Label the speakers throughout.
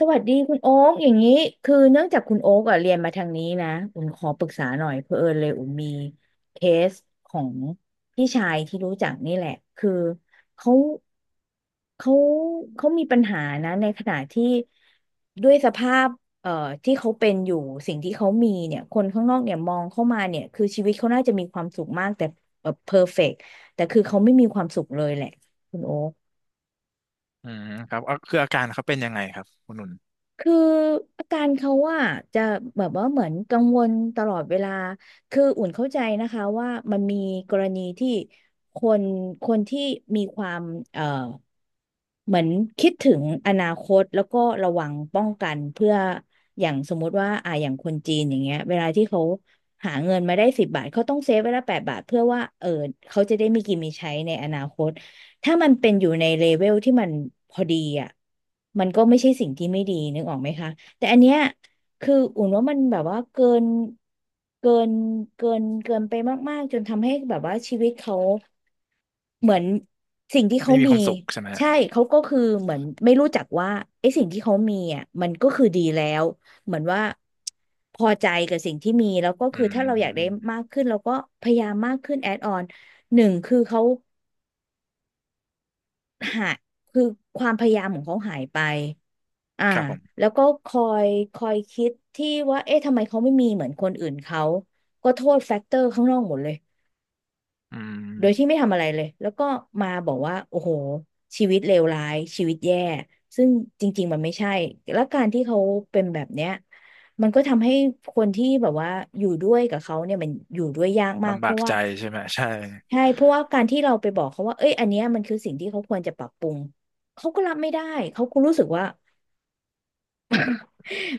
Speaker 1: สวัสดีคุณโอ๊กอย่างนี้คือเนื่องจากคุณโอ๊กอ่ะเรียนมาทางนี้นะอุ่นขอปรึกษาหน่อยเพื่อเอิญเลยอุ่นมีเคสของพี่ชายที่รู้จักนี่แหละคือเขาเขาเขามีปัญหานะในขณะที่ด้วยสภาพเอ่อที่เขาเป็นอยู่สิ่งที่เขามีเนี่ยคนข้างนอกเนี่ยมองเข้ามาเนี่ยคือชีวิตเขาน่าจะมีความสุขมากแต่เออเพอร์เฟกต์แต่คือเขาไม่มีความสุขเลยแหละคุณโอ๊
Speaker 2: อืมครับเอาคืออาการเขาเป็นยังไงครับคุณนุ่น
Speaker 1: คืออาการเขาว่าจะแบบว่าเหมือนกังวลตลอดเวลา คืออุ่นเข้าใจนะคะว่ามันมีกรณีที่คนคนที่มีความเอ่อ เหมือนคิดถึงอนาคตแล้วก็ระวังป้องกันเพื่ออย่างสมมุติว่าอย่างคนจีนอย่างเงี้ยเวลาที่เขาหาเงินมาได้10 บาทเขาต้องเซฟไว้ละ8 บาทเพื่อว่าเออเขาจะได้มีกินมีใช้ในอนาคตถ้ามันเป็นอยู่ในเลเวลที่มันพอดีอ่ะมันก็ไม่ใช่สิ่งที่ไม่ดีนึกออกไหมคะแต่อันเนี้ยคืออุ่นว่ามันแบบว่าเกินเกินไปมากๆจนทำให้แบบว่าชีวิตเขา เหมือนสิ่งที่
Speaker 2: ไม่
Speaker 1: เขา
Speaker 2: มี
Speaker 1: มี
Speaker 2: ความสุขใช่ไหมฮะ
Speaker 1: ใช่เขาก็คือเหมือนไม่รู้จักว่าไอ้สิ่งที่เขามีอ่ะมันก็คือดีแล้วเหมือนว่าพอใจกับสิ่งที่มีแล้วก็
Speaker 2: อื
Speaker 1: คือถ้าเราอยากได้
Speaker 2: ม
Speaker 1: มากขึ้นเราก็พยายามมากขึ้นแอดออนหนึ่งคือเขาหาคือความพยายามของเขาหายไปอ่า
Speaker 2: ครับผม
Speaker 1: แล้วก็คอยคิดที่ว่าเอ๊ะทำไมเขาไม่มีเหมือนคนอื่นเขาก็โทษแฟกเตอร์ข้างนอกหมดเลย
Speaker 2: อืม
Speaker 1: โดยที่ไม่ทำอะไรเลยแล้วก็มาบอกว่าโอ้โหชีวิตเลวร้ายชีวิตแย่ซึ่งจริงๆมันไม่ใช่แล้วการที่เขาเป็นแบบเนี้ยมันก็ทำให้คนที่แบบว่าอยู่ด้วยกับเขาเนี่ยมันอยู่ด้วยยากมาก
Speaker 2: ลำ
Speaker 1: เพ
Speaker 2: บาก
Speaker 1: ราะว่า
Speaker 2: ใจใช่ไหมใช่
Speaker 1: ใช่เพราะว่าการที่เราไปบอกเขาว่าเอ้ยอันเนี้ยมันคือสิ่งที่เขาควรจะปรับปรุงเขาก็รับไม่ได้เขาก็รู้สึกว่า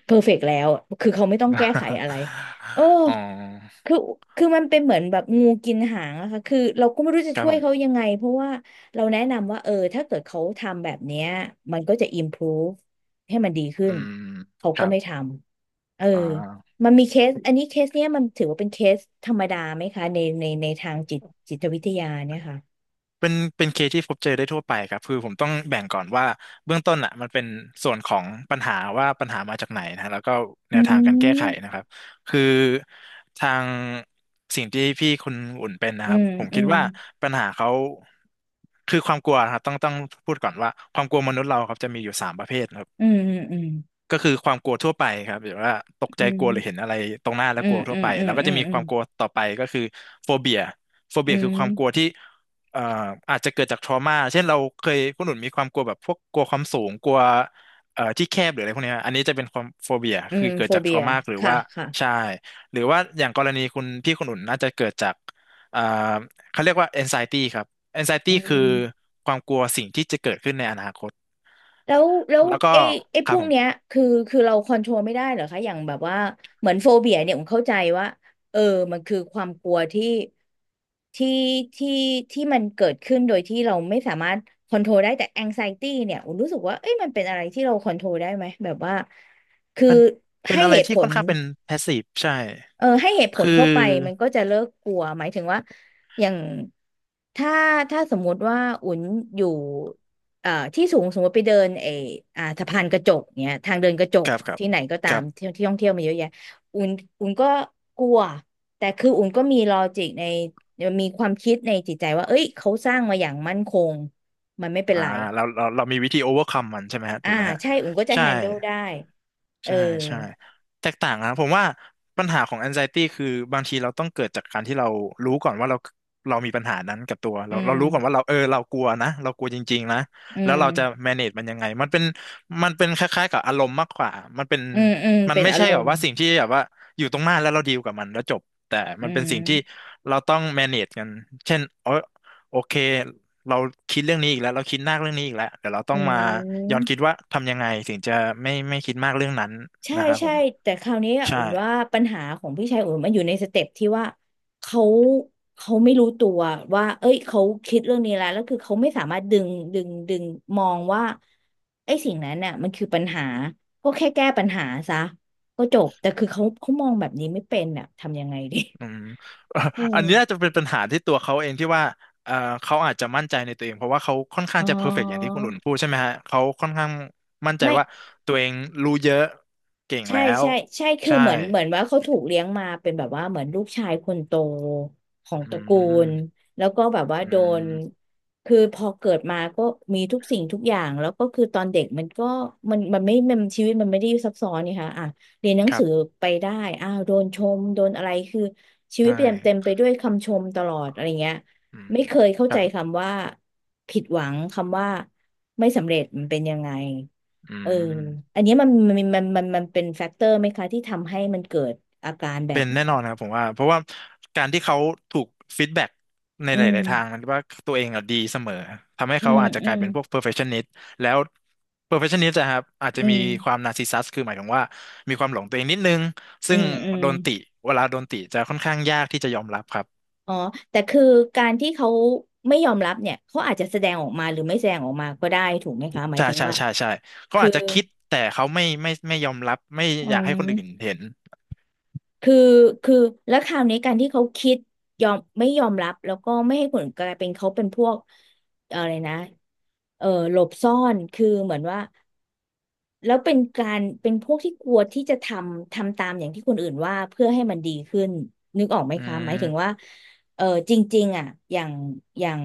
Speaker 1: เพอร์เฟกต์แล้วคือเขาไม่ต้องแก้ไข อะไรเออ
Speaker 2: อ๋อ
Speaker 1: คือคือมันเป็นเหมือนแบบงูกินหางอะค่ะคือเราก็ไม่รู้จะ
Speaker 2: ครับ
Speaker 1: ช่ว
Speaker 2: ผ
Speaker 1: ยเขา
Speaker 2: ม
Speaker 1: ยังไง เพราะว่าเราแนะนำว่าเออถ้าเกิดเขาทำแบบเนี้ยมันก็จะ improve ให้มันดีขึ้
Speaker 2: อื
Speaker 1: น
Speaker 2: ม
Speaker 1: เขา
Speaker 2: ค
Speaker 1: ก็
Speaker 2: รับ
Speaker 1: ไม่ทำเออ
Speaker 2: อ่า
Speaker 1: มันมีเคส อันนี้เคสเนี้ยมันถือว่าเป็นเคสธรรมดาไหมคะในในในทางจิตจิตวิทยาเนี่ยค่ะ
Speaker 2: เป็นเป็นเคสที่พบเจอได้ทั่วไปครับคือผมต้องแบ่งก่อนว่าเบื้องต้นอ่ะมันเป็นส่วนของปัญหาว่าปัญหามาจากไหนนะแล้วก็แน
Speaker 1: อื
Speaker 2: วทางการแก้ไขนะ
Speaker 1: ม
Speaker 2: ครับคือทางสิ่งที่พี่คุณอุ่นเป็นนะ
Speaker 1: อื
Speaker 2: ครับ
Speaker 1: ม
Speaker 2: ผม
Speaker 1: อื
Speaker 2: คิด
Speaker 1: ม
Speaker 2: ว่าปัญหาเขาคือความกลัวนะครับต้องต้องพูดก่อนว่าความกลัวมนุษย์เราครับจะมีอยู่สามประเภท
Speaker 1: อืม อืม
Speaker 2: ก็คือความกลัวทั่วไปครับหรือว่าตก
Speaker 1: อื
Speaker 2: ใจกลัวหรือเห็น
Speaker 1: ม
Speaker 2: อะไรตรงหน้าแล้
Speaker 1: อื
Speaker 2: วกลั
Speaker 1: ม
Speaker 2: ว
Speaker 1: อื
Speaker 2: ทั่ว
Speaker 1: ม
Speaker 2: ไป
Speaker 1: อื
Speaker 2: แล้
Speaker 1: ม
Speaker 2: วก็
Speaker 1: อื
Speaker 2: จะ
Speaker 1: ม
Speaker 2: มี
Speaker 1: อื
Speaker 2: ค
Speaker 1: ม
Speaker 2: วามกลัวต่อไปก็คือโฟเบียโฟ
Speaker 1: อื
Speaker 2: เบียคื
Speaker 1: ม
Speaker 2: อความกลัวที่เอ่ออาจจะเกิดจากทรมาเช่นเราเคยคุณหนุนมีความกลัวแบบพวกกลัวความสูงกลัวที่แคบหรืออะไรพวกเนี้ยอันนี้จะเป็นความโฟเบีย
Speaker 1: อื
Speaker 2: คื
Speaker 1: ม
Speaker 2: อเกิ
Speaker 1: โฟ
Speaker 2: ดจากท
Speaker 1: เบี
Speaker 2: ร
Speaker 1: ย
Speaker 2: มาหรือ
Speaker 1: ค่ะ
Speaker 2: ว่า
Speaker 1: ค่ะ
Speaker 2: ใช่หรือว่าอย่างกรณีคุณพี่คุณหนุนน่าจะเกิดจากเอ่อเขาเรียกว่า anxiety ครับ anxiety
Speaker 1: อื
Speaker 2: คือ
Speaker 1: ม
Speaker 2: ความกลัวสิ่งที่จะเกิดขึ้นในอนาคต
Speaker 1: แล้ว
Speaker 2: แล้วก็
Speaker 1: ไอ้ไอ้
Speaker 2: ค
Speaker 1: พ
Speaker 2: รับ
Speaker 1: วก
Speaker 2: ผ
Speaker 1: เนี้ย
Speaker 2: ม
Speaker 1: คือเราคอนโทรลไม่ได้เหรอคะอย่างแบบว่าเหมือนโฟเบียเนี่ยผมเข้าใจว่าเออมันคือความกลัวที่ที่ที่ที่มันเกิดขึ้นโดยที่เราไม่สามารถคอนโทรลได้แต่แองไซตี้เนี่ยผมรู้สึกว่าเอ้ยมันเป็นอะไรที่เราคอนโทรลได้ไหมแบบว่าคือ
Speaker 2: เป็นเป็
Speaker 1: ให้
Speaker 2: นอะไร
Speaker 1: เหตุ
Speaker 2: ที่
Speaker 1: ผ
Speaker 2: ค่อ
Speaker 1: ล
Speaker 2: นข้างเป็นแพสซีฟใช่
Speaker 1: เออให้เหตุผล
Speaker 2: คือ
Speaker 1: เข้าไปมันก็จะเลิกกลัวหมายถึงว่าอย่างถ้าถ้าสมมุติว่าอุ่นอยู่เอ่อที่สูงสมมติไปเดินไออ่าสะพานกระจกเนี้ยทางเดินกระจก
Speaker 2: กับกับ
Speaker 1: ที่ไหนก็ตา
Speaker 2: กั
Speaker 1: ม
Speaker 2: บ
Speaker 1: ที่ที่ท่องเที่ยวมาเยอะแยะอุ่นอุ่นก็กลัวแต่คืออุ่นก็มีลอจิกในมีความคิดในจิตใจว่าเอ้ยเขาสร้างมาอย่างมั่นคงมันไม่เป็น
Speaker 2: อ่า
Speaker 1: ไร
Speaker 2: เราเราเรามีวิธี o อเวอร์คัมมันใช่ไหมฮะ
Speaker 1: อ่า
Speaker 2: ถูกไหมฮะ
Speaker 1: ใช่อุ่นก็จะ
Speaker 2: ใช่
Speaker 1: แฮน d l e ได้เออ
Speaker 2: ใช่ใช่แตกต่างนะผมว่าปัญหาของ anxiety คือบางทีเราต้องเกิดจากการที่เรารู้ก่อนว่าเราเรามีปัญหานั้นกับตัว
Speaker 1: อื
Speaker 2: เราเรา
Speaker 1: ม
Speaker 2: รู้ก่อนว่าเราเออเรากลัวนะเรากลัวจริงๆนะ
Speaker 1: อื
Speaker 2: แล้ว
Speaker 1: ม
Speaker 2: เราจะ manage มันยังไงมันเป็นมันเป็นคล้ายๆกับอารมณ์มากกว่ามันเป็น
Speaker 1: อืมอืม
Speaker 2: มัน
Speaker 1: เป็น
Speaker 2: ไม่
Speaker 1: อา
Speaker 2: ใช่
Speaker 1: ร
Speaker 2: แบบ
Speaker 1: มณ์
Speaker 2: ว่าสิ่งที่แบบว่าอยู่ตรงหน้าแล้วเราดีลกับมันแล้วจบแต่
Speaker 1: อื
Speaker 2: มันเป็นสิ่งที่
Speaker 1: ม
Speaker 2: เราต้อง manage กันเช่นเออโอเค เราคิดเรื่องนี้อีกแล้วเราคิดมากเรื่องนี้อีกแล้วเดี๋ยวเราต้
Speaker 1: อื
Speaker 2: องมา
Speaker 1: ม
Speaker 2: ย้อนคิดว่าทำยังไงถึงจะไม่ไม่คิดมากเรื่องนั้น
Speaker 1: ใช่
Speaker 2: นะครับผ
Speaker 1: ใช่
Speaker 2: ม
Speaker 1: แต่คราวนี้อะ
Speaker 2: ใช่
Speaker 1: อุ่นว่าปัญหาของพี่ชายอุ่นมันอยู่ในสเต็ปที่ว่าเขาเขาไม่รู้ตัวว่าเอ้ยเขาคิดเรื่องนี้แล้วแล้วคือเขาไม่สามารถดึงดึงมองว่าไอ้สิ่งนั้นน่ะมันคือปัญหาก็แค่แก้ปัญหาซะก็จบแต่คือเขามองแบบนี้ไม่เป็นอ่ะทำยังไงดี
Speaker 2: อืม เอ่อ
Speaker 1: อืม
Speaker 2: อันนี้น่าจะเป็นปัญหาที่ตัวเขาเองที่ว่าเอ่อเขาอาจจะมั่นใจในตัวเองเพราะว่าเขาค่อน ข้า
Speaker 1: อ๋
Speaker 2: ง
Speaker 1: อ
Speaker 2: จะเพอร์เฟกต์อย่างที่คุณอุ่นพูดใช่ไหมฮะเขาค่อนข้างมั่นใจ
Speaker 1: ไม่
Speaker 2: ว่าตัวเองรู้เยอะเก่ง
Speaker 1: ใช่
Speaker 2: แล้ว
Speaker 1: ใช่ใช่คือ
Speaker 2: ใช่
Speaker 1: เหมือนว่าเขาถูกเลี้ยงมาเป็นแบบว่าเหมือนลูกชายคนโตของต
Speaker 2: อื
Speaker 1: ระกู
Speaker 2: ม
Speaker 1: ลแล้วก็แบบว่า
Speaker 2: อื
Speaker 1: โดน
Speaker 2: ม
Speaker 1: คือพอเกิดมาก็มีทุกสิ่งทุกอย่างแล้วก็คือตอนเด็กมันก็มันมันไม่มันชีวิตมันไม่ได้ซับซ้อนนี่ค่ะอ่ะเรียนหนัง
Speaker 2: ครั
Speaker 1: สือ
Speaker 2: บ
Speaker 1: ไปได้อ้าวโดนชมโดนอะไรคือชีวิ
Speaker 2: ใช่
Speaker 1: ตเต็มเต็มไปด้วยคำชมตลอดอะไรเงี้ย
Speaker 2: อืม
Speaker 1: ไม่เคยเข้า
Speaker 2: ค
Speaker 1: ใจ
Speaker 2: รับ
Speaker 1: คำว่าผิดหวังคำว่าไม่สำเร็จมันเป็นยังไง
Speaker 2: อื
Speaker 1: เออ
Speaker 2: ม
Speaker 1: อันเนี้ยมันเป็นแฟกเตอร์ไหมคะที่ทำให้มันเกิดอาการแบ
Speaker 2: เป็
Speaker 1: บ
Speaker 2: นแน่
Speaker 1: เนี้ย
Speaker 2: นอนครับผมว่าเพราะว่าการที่เขาถูกฟีดแบ็กใน
Speaker 1: อื
Speaker 2: ห
Speaker 1: ม
Speaker 2: ลายๆทางมันว่าตัวเองอะดีเสมอทำให้
Speaker 1: อื
Speaker 2: เขา
Speaker 1: ม
Speaker 2: อาจจะ
Speaker 1: อื
Speaker 2: กลา
Speaker 1: ม
Speaker 2: ยเป็นพวก perfectionist แล้ว perfectionist อะครับอาจจะ
Speaker 1: อื
Speaker 2: มี
Speaker 1: ม
Speaker 2: ความ narcissist คือหมายถึงว่ามีความหลงตัวเองนิดนึง
Speaker 1: อื
Speaker 2: ซึ่ง
Speaker 1: มอืม
Speaker 2: โดนติเวลาโดนติจะค่อนข้างยากที่จะยอมรับครับ
Speaker 1: อ๋อแต่คือการที่เขาไม่ยอมรับเนี่ยเขาอาจจะแสดงออกมาหรือไม่แสดงออกมาก็ได้ถูกไหมคะหมาย
Speaker 2: ใช่
Speaker 1: ถึง
Speaker 2: ใช่
Speaker 1: ว่า
Speaker 2: ใช่ใช่เขา
Speaker 1: คือ
Speaker 2: อาจจะคิดแต่เขาไม่ไม่ไม่ยอมรับไม่
Speaker 1: อื
Speaker 2: อยากให้คนอื่น
Speaker 1: ม
Speaker 2: เห็น
Speaker 1: คือคือแล้วคราวนี้การที่เขาคิดยอมไม่ยอมรับแล้วก็ไม่ให้ผลกลายเป็นเขาเป็นพวกอะไรนะเออหลบซ่อนคือเหมือนว่า แล้วเป็นการเป็นพวกที่กลัวที่จะทำตามอย่างที่คนอื่นว่าเพื่อให้มันดีขึ้นนึกออกไหม
Speaker 2: อื
Speaker 1: คะหมายถึงว่า
Speaker 2: ม
Speaker 1: เออจริงๆอ่ะอย่างอย่าง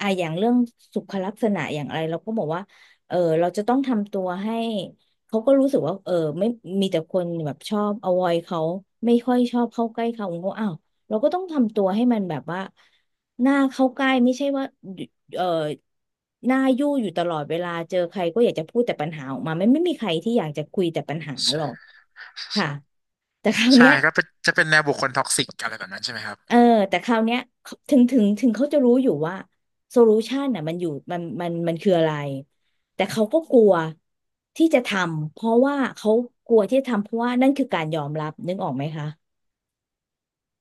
Speaker 1: อย่างเรื่องสุขลักษณะอย่างอะไรเราก็บอกว่าเออเราจะต้องทำตัวให้เขาก็รู้สึกว่าเออไม่มีแต่คนแบบชอบ avoid เขาไม่ค่อยชอบเข้าใกล้เขาเขาอ้าวเราก็ต้องทำตัวให้มันแบบว่าหน้าเข้าใกล้ไม่ใช่ว่า เอ่อหน้ายู่อยู่ตลอดเวลาเจอใครก็อยากจะพูดแต่ปัญหาออกมาไม่มีใครที่อยากจะคุยแต่ปัญหาหรอก
Speaker 2: ใช่
Speaker 1: ค่ะแต่คราว
Speaker 2: ใช่
Speaker 1: เนี้ย
Speaker 2: ก็เป็นจะเป็นแนวบุคคลท็อกซิกอะไรแบบนั้นใช่ไหมครับ
Speaker 1: เออแต่คราวเนี้ยถึงเขาจะรู้อยู่ว่าโซลูชันน่ะมันอยู่มันคืออะไรแต่เขาก็กลัวที่จะทำเพราะว่าเขากลัวที่จะทำเพราะว่านั่นคือการยอมรับนึกออกไหมคะ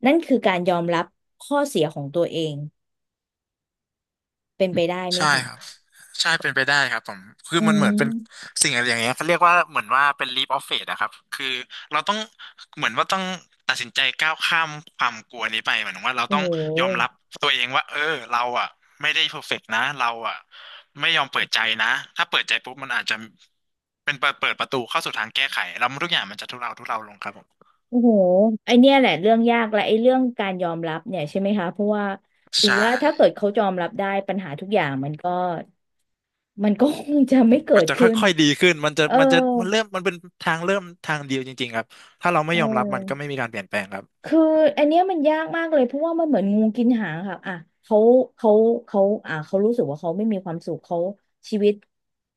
Speaker 1: นั่นคือการยอมรับข้อเสียของตัวเองเป็นไปได้ไหม
Speaker 2: ใช่
Speaker 1: คะ
Speaker 2: ครับใช่เป็นไปได้ครับผมคือ
Speaker 1: อื
Speaker 2: มันเหมือนเป็น
Speaker 1: ม
Speaker 2: สิ่งอะไรอย่างเงี้ยเขาเรียกว่าเหมือนว่าเป็น leap of faith อะครับคือเราต้องเหมือนว่าต้องตัดสินใจก้าวข้ามความกลัวนี้ไปเหมือนว่าเรา
Speaker 1: โอ้
Speaker 2: ต้อง
Speaker 1: โห
Speaker 2: ยอมรับตัวเองว่าเออเราอะไม่ได้ perfect นะเราอะไม่ยอมเปิดใจนะถ้าเปิดใจปุ๊บมันอาจจะเป็นเปิดเปิดประตูเข้าสู่ทางแก้ไขแล้วทุกอย่างมันจะทุเลาทุเลาลงครับผม
Speaker 1: โอ้โหไอเนี้ยแหละเรื่องยากและไอเรื่องการยอมรับเนี่ยใช่ไหมคะ เพราะว่าถือ
Speaker 2: ใช่
Speaker 1: ว่าถ้าเกิดเขายอมรับได้ปัญหาทุกอย่างมันก็มันก็คงจะไม่เกิ
Speaker 2: มัน
Speaker 1: ด
Speaker 2: จะค
Speaker 1: ขึ้น
Speaker 2: ่อยๆดีขึ้นมันจะ
Speaker 1: เออ
Speaker 2: มันจะมันเริ่มมันเป็นทางเริ่มทางเดียวจริงๆครับถ้าเราไม่
Speaker 1: เอ
Speaker 2: ยอมรับมันก็ไม่
Speaker 1: อ
Speaker 2: มีการเปลี่ยนแปลงครับ
Speaker 1: คืออันเนี้ยมันยากมากเลยเพราะว่ามันเหมือนงูกินหางค่ะอ่ะเขาเขาเขาเขารู้สึกว่าเขาไม่มีความสุขเขาชีวิต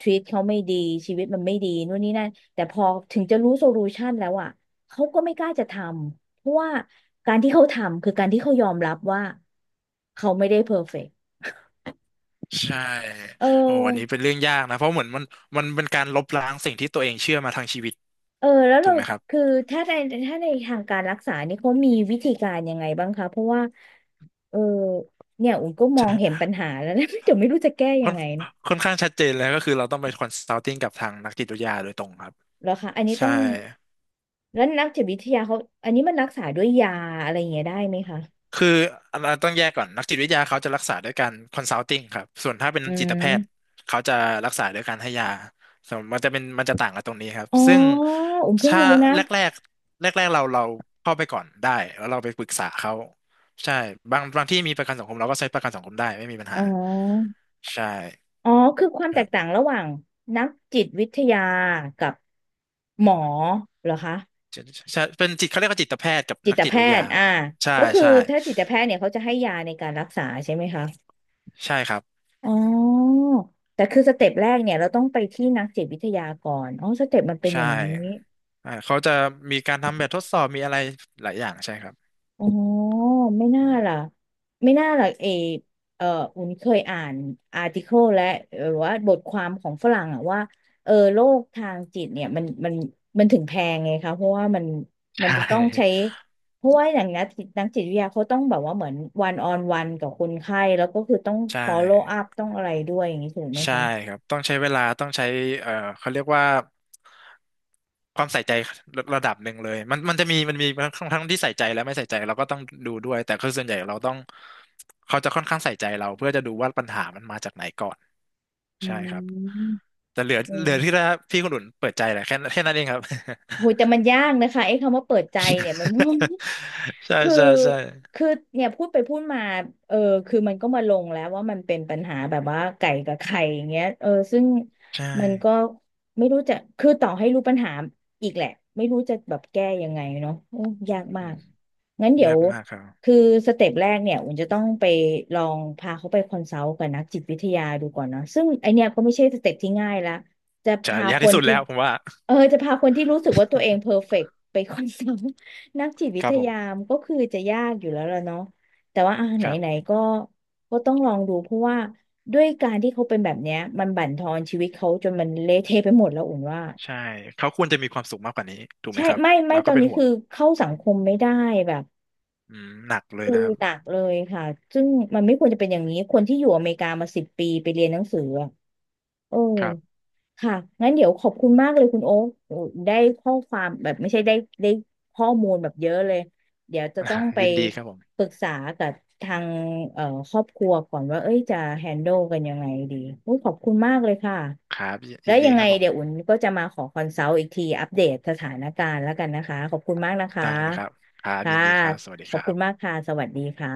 Speaker 1: ทวีตเขาไม่ดีชีวิตมันไม่ดีนู่นนี่นั่นแต่พอถึงจะรู้โซลูชันแล้วอ่ะเขาก็ไม่กล้าจะทำเพราะว่าการที่เขาทำคือการที่เขายอมรับว่าเขาไม่ได้เพอร์เฟกต์
Speaker 2: ใช่
Speaker 1: เอ
Speaker 2: โอ้อันนี้เป็
Speaker 1: อ
Speaker 2: นเรื่องยากนะเพราะเหมือนมันมันเป็นการลบล้างสิ่งที่ตัวเองเชื่อมาทางชีวิต
Speaker 1: เออแล้ว
Speaker 2: ถู
Speaker 1: เรา
Speaker 2: กไหมครับ
Speaker 1: คือถ้าในถ้าในทางการรักษานี่เขามีวิธีการยังไงบ้างคะเพราะว่าเออเนี่ยอุ่นก็มองเห็นปัญหาแล้วนะ เดี๋ยวไม่รู้จะแก้ยั
Speaker 2: ค่อ
Speaker 1: ง
Speaker 2: น
Speaker 1: ไงเนาะ
Speaker 2: ค่อนข้างชัดเจนแล้วก็คือเราต้องไปคอนซัลติ้งกับทางนักจิตวิทยาโดยตรงครับ
Speaker 1: เหรอคะอันนี้ต้
Speaker 2: ใช่
Speaker 1: องแล้วนักจิตวิทยาเขาอันนี้มันรักษาด้วยยาอะไรอย่างเงี้ยได้ไหมคะ
Speaker 2: คืออันนั้นต้องแยกก่อนนักจิตวิทยาเขาจะรักษาด้วยการคอนซัลติ้งครับส่วนถ้าเป็น
Speaker 1: อื
Speaker 2: จิตแพทย์
Speaker 1: ม
Speaker 2: เขาจะรักษาด้วยการให้ยาส่วนมันจะเป็นมันจะต่างกันตรงนี้ครับ
Speaker 1: อ๋อ
Speaker 2: ซึ่ง
Speaker 1: อุ่นเพิ่ง
Speaker 2: ถ้า
Speaker 1: รู้นะ
Speaker 2: แรกแรกแรกแรกๆเราเราเข้าไปก่อนได้แล้วเราไปปรึกษาเขาใช่บางบางที่มีประกันสังคมเราก็ใช้ประกันสังคมได้ไม่มีปัญ
Speaker 1: อ๋
Speaker 2: หา
Speaker 1: อ
Speaker 2: ใช่
Speaker 1: อ๋อคือความ
Speaker 2: ค
Speaker 1: แต
Speaker 2: รั
Speaker 1: ก
Speaker 2: บ
Speaker 1: ต่างระหว่างนักจิตวิทยากับหมอเหรอคะ
Speaker 2: ใช่ใช่เป็นจิตเขาเรียกว่าจิตแพทย์กับ
Speaker 1: จิ
Speaker 2: นัก
Speaker 1: ต
Speaker 2: จิต
Speaker 1: แพ
Speaker 2: วิทยา
Speaker 1: ทย์
Speaker 2: ค
Speaker 1: อ่า
Speaker 2: รับใช่
Speaker 1: ก็คือ
Speaker 2: ใช่
Speaker 1: ถ้าจิตแพทย์เนี่ยเขาจะให้ยาในการรักษาใช่ไหมคะ
Speaker 2: ใช่ครับ
Speaker 1: อ๋อแต่คือสเต็ปแรกเนี่ยเราต้องไปที่นักจิตวิทยาก่อนอ๋อสเต็ปมันเป็นอ
Speaker 2: ใช่
Speaker 1: ย่างนี้
Speaker 2: อ่าเขาจะมีการทำแบบทดสอบมีอะไรหลายอย่างใช่ครับ
Speaker 1: อ๋อไม่น่าล่ะไม่น่าล่ะเอออุ่นเคยอ่านอาร์ติเคิลและหรือว่าบทความของฝรั่งอะว่าเออโรคทางจิตเนี่ยมันถึงแพงไงคะเพราะว่ามัน
Speaker 2: ใช
Speaker 1: มันจะต้องใช้
Speaker 2: ่
Speaker 1: เพราะว่าอย่างนักจิตวิทยาเขาต้องแบบว่าเหมือนวันออนวันกับคนไข้แล้วก็คือต้อง
Speaker 2: ใช่
Speaker 1: follow up ต้องอะไรด้วยอย่างนี้ถูกไหม
Speaker 2: ใช่
Speaker 1: คะ
Speaker 2: ครับต้องใช้เวลาต้องใช้เอ่อเขาเรียกว่าความใส่ใจระระดับหนึ่งเลยมันมันจะมีมันมีทั้งทั้งที่ใส่ใจและไม่ใส่ใจเราก็ต้องดูด้วยแต่คือส่วนใหญ่เราต้องเขาจะค่อนข้างใส่ใจเราเพื่อจะดูว่าปัญหามันมาจากไหนก่อน
Speaker 1: อื
Speaker 2: ใช่ครับ
Speaker 1: ม
Speaker 2: แต่เหลือ
Speaker 1: อื
Speaker 2: เห
Speaker 1: ม
Speaker 2: ลือที่ละพี่คนอุ่นเปิดใจแหละแค่แค่นั้นเองครับ
Speaker 1: โหแต่มันยากนะคะไอ้คำว่าเปิดใจเนี่ยมัน
Speaker 2: ใช่
Speaker 1: คือ
Speaker 2: ใช่ใช่
Speaker 1: คือเนี่ยพูดไปพูดมาเออคือมันก็มาลงแล้วว่ามันเป็นปัญหาแบบว่าไก่กับไข่อย่างเงี้ยเออซึ่ง
Speaker 2: ใช่
Speaker 1: มันก็ไม่รู้จะคือต่อให้รู้ปัญหาอีกแหละไม่รู้จะแบบแก้ยังไงเนาะโอ้ยากมา
Speaker 2: อื
Speaker 1: ก
Speaker 2: ม
Speaker 1: งั้นเดี๋ย
Speaker 2: ยา
Speaker 1: ว
Speaker 2: กมากครับ
Speaker 1: คือสเต็ปแรกเนี่ยอุ่นจะต้องไปลองพาเขาไปคอนซัลท์กับนักจิตวิทยาดูก่อนเนาะซึ่งไอเนี่ยก็ไม่ใช่สเต็ปที่ง่ายละจะ
Speaker 2: จะ
Speaker 1: พา
Speaker 2: ยา
Speaker 1: ค
Speaker 2: กที่
Speaker 1: น
Speaker 2: สุด
Speaker 1: ที่
Speaker 2: แล้วผมว่า
Speaker 1: เออจะพาคนที่รู้สึกว่าตัวเองเพอร์เฟกต์ไปคอนซัลท์ นักจิต วิ
Speaker 2: ครั
Speaker 1: ท
Speaker 2: บผ
Speaker 1: ยา
Speaker 2: ม
Speaker 1: มนก็คือจะยากอยู่แล้วล่ะเนาะแต่ว่าอ่ะไห
Speaker 2: ครับ
Speaker 1: นๆก็ก็ต้องลองดูเพราะว่าด้วยการที่เขาเป็นแบบเนี้ยมันบั่นทอนชีวิตเขาจนมันเละเทะไปหมดแล้วอุ่นว่า
Speaker 2: ใช่เขาควรจะมีความสุขมากกว่านี้ถูกไหม
Speaker 1: ใช่
Speaker 2: ครับ
Speaker 1: ไม่
Speaker 2: เรา
Speaker 1: ต
Speaker 2: ก็
Speaker 1: อน
Speaker 2: เป็น
Speaker 1: นี้
Speaker 2: ห่ว
Speaker 1: คื
Speaker 2: ง
Speaker 1: อเข้าสังคมไม่ได้แบบ
Speaker 2: อืมหนักเลย
Speaker 1: คือ
Speaker 2: นะครับ
Speaker 1: หนักเลยค่ะซึ่งมันไม่ควรจะเป็นอย่างนี้คนที่อยู่อเมริกามา10 ปีไปเรียนหนังสืออะเออ
Speaker 2: ครับ
Speaker 1: ค่ะงั้นเดี๋ยวขอบคุณมากเลยคุณโอ๊คโอ้ได้ข้อความแบบไม่ใช่ได้ข้อมูลแบบเยอะเลย เดี๋ยว จะ
Speaker 2: อ่า
Speaker 1: ต้องไป
Speaker 2: ยินดีครับผ
Speaker 1: ป
Speaker 2: ม
Speaker 1: รึกษากับทางเอ่อครอบครัวก่อนว่าเอ้ยจะแฮนด์ลกันยังไงดีโอ้ขอบคุณมากเลยค่ะ
Speaker 2: ครับ
Speaker 1: แล้
Speaker 2: ยิ
Speaker 1: ว
Speaker 2: น
Speaker 1: ยั
Speaker 2: ดี
Speaker 1: ง
Speaker 2: ค
Speaker 1: ไง
Speaker 2: รับผ
Speaker 1: เดี๋ยวอุ่
Speaker 2: ม
Speaker 1: นก็จะมาขอคอนซัลท์อีกทีอัปเดตสถานการณ์แล้วกันนะคะขอบคุณมากนะคะ
Speaker 2: ได้เลยครับครับ
Speaker 1: ค่ะ
Speaker 2: ยินดีครับสวัสดี
Speaker 1: ขอ
Speaker 2: ค
Speaker 1: บ
Speaker 2: รั
Speaker 1: คุณ
Speaker 2: บ
Speaker 1: มากค่ะสวัสดีค่ะ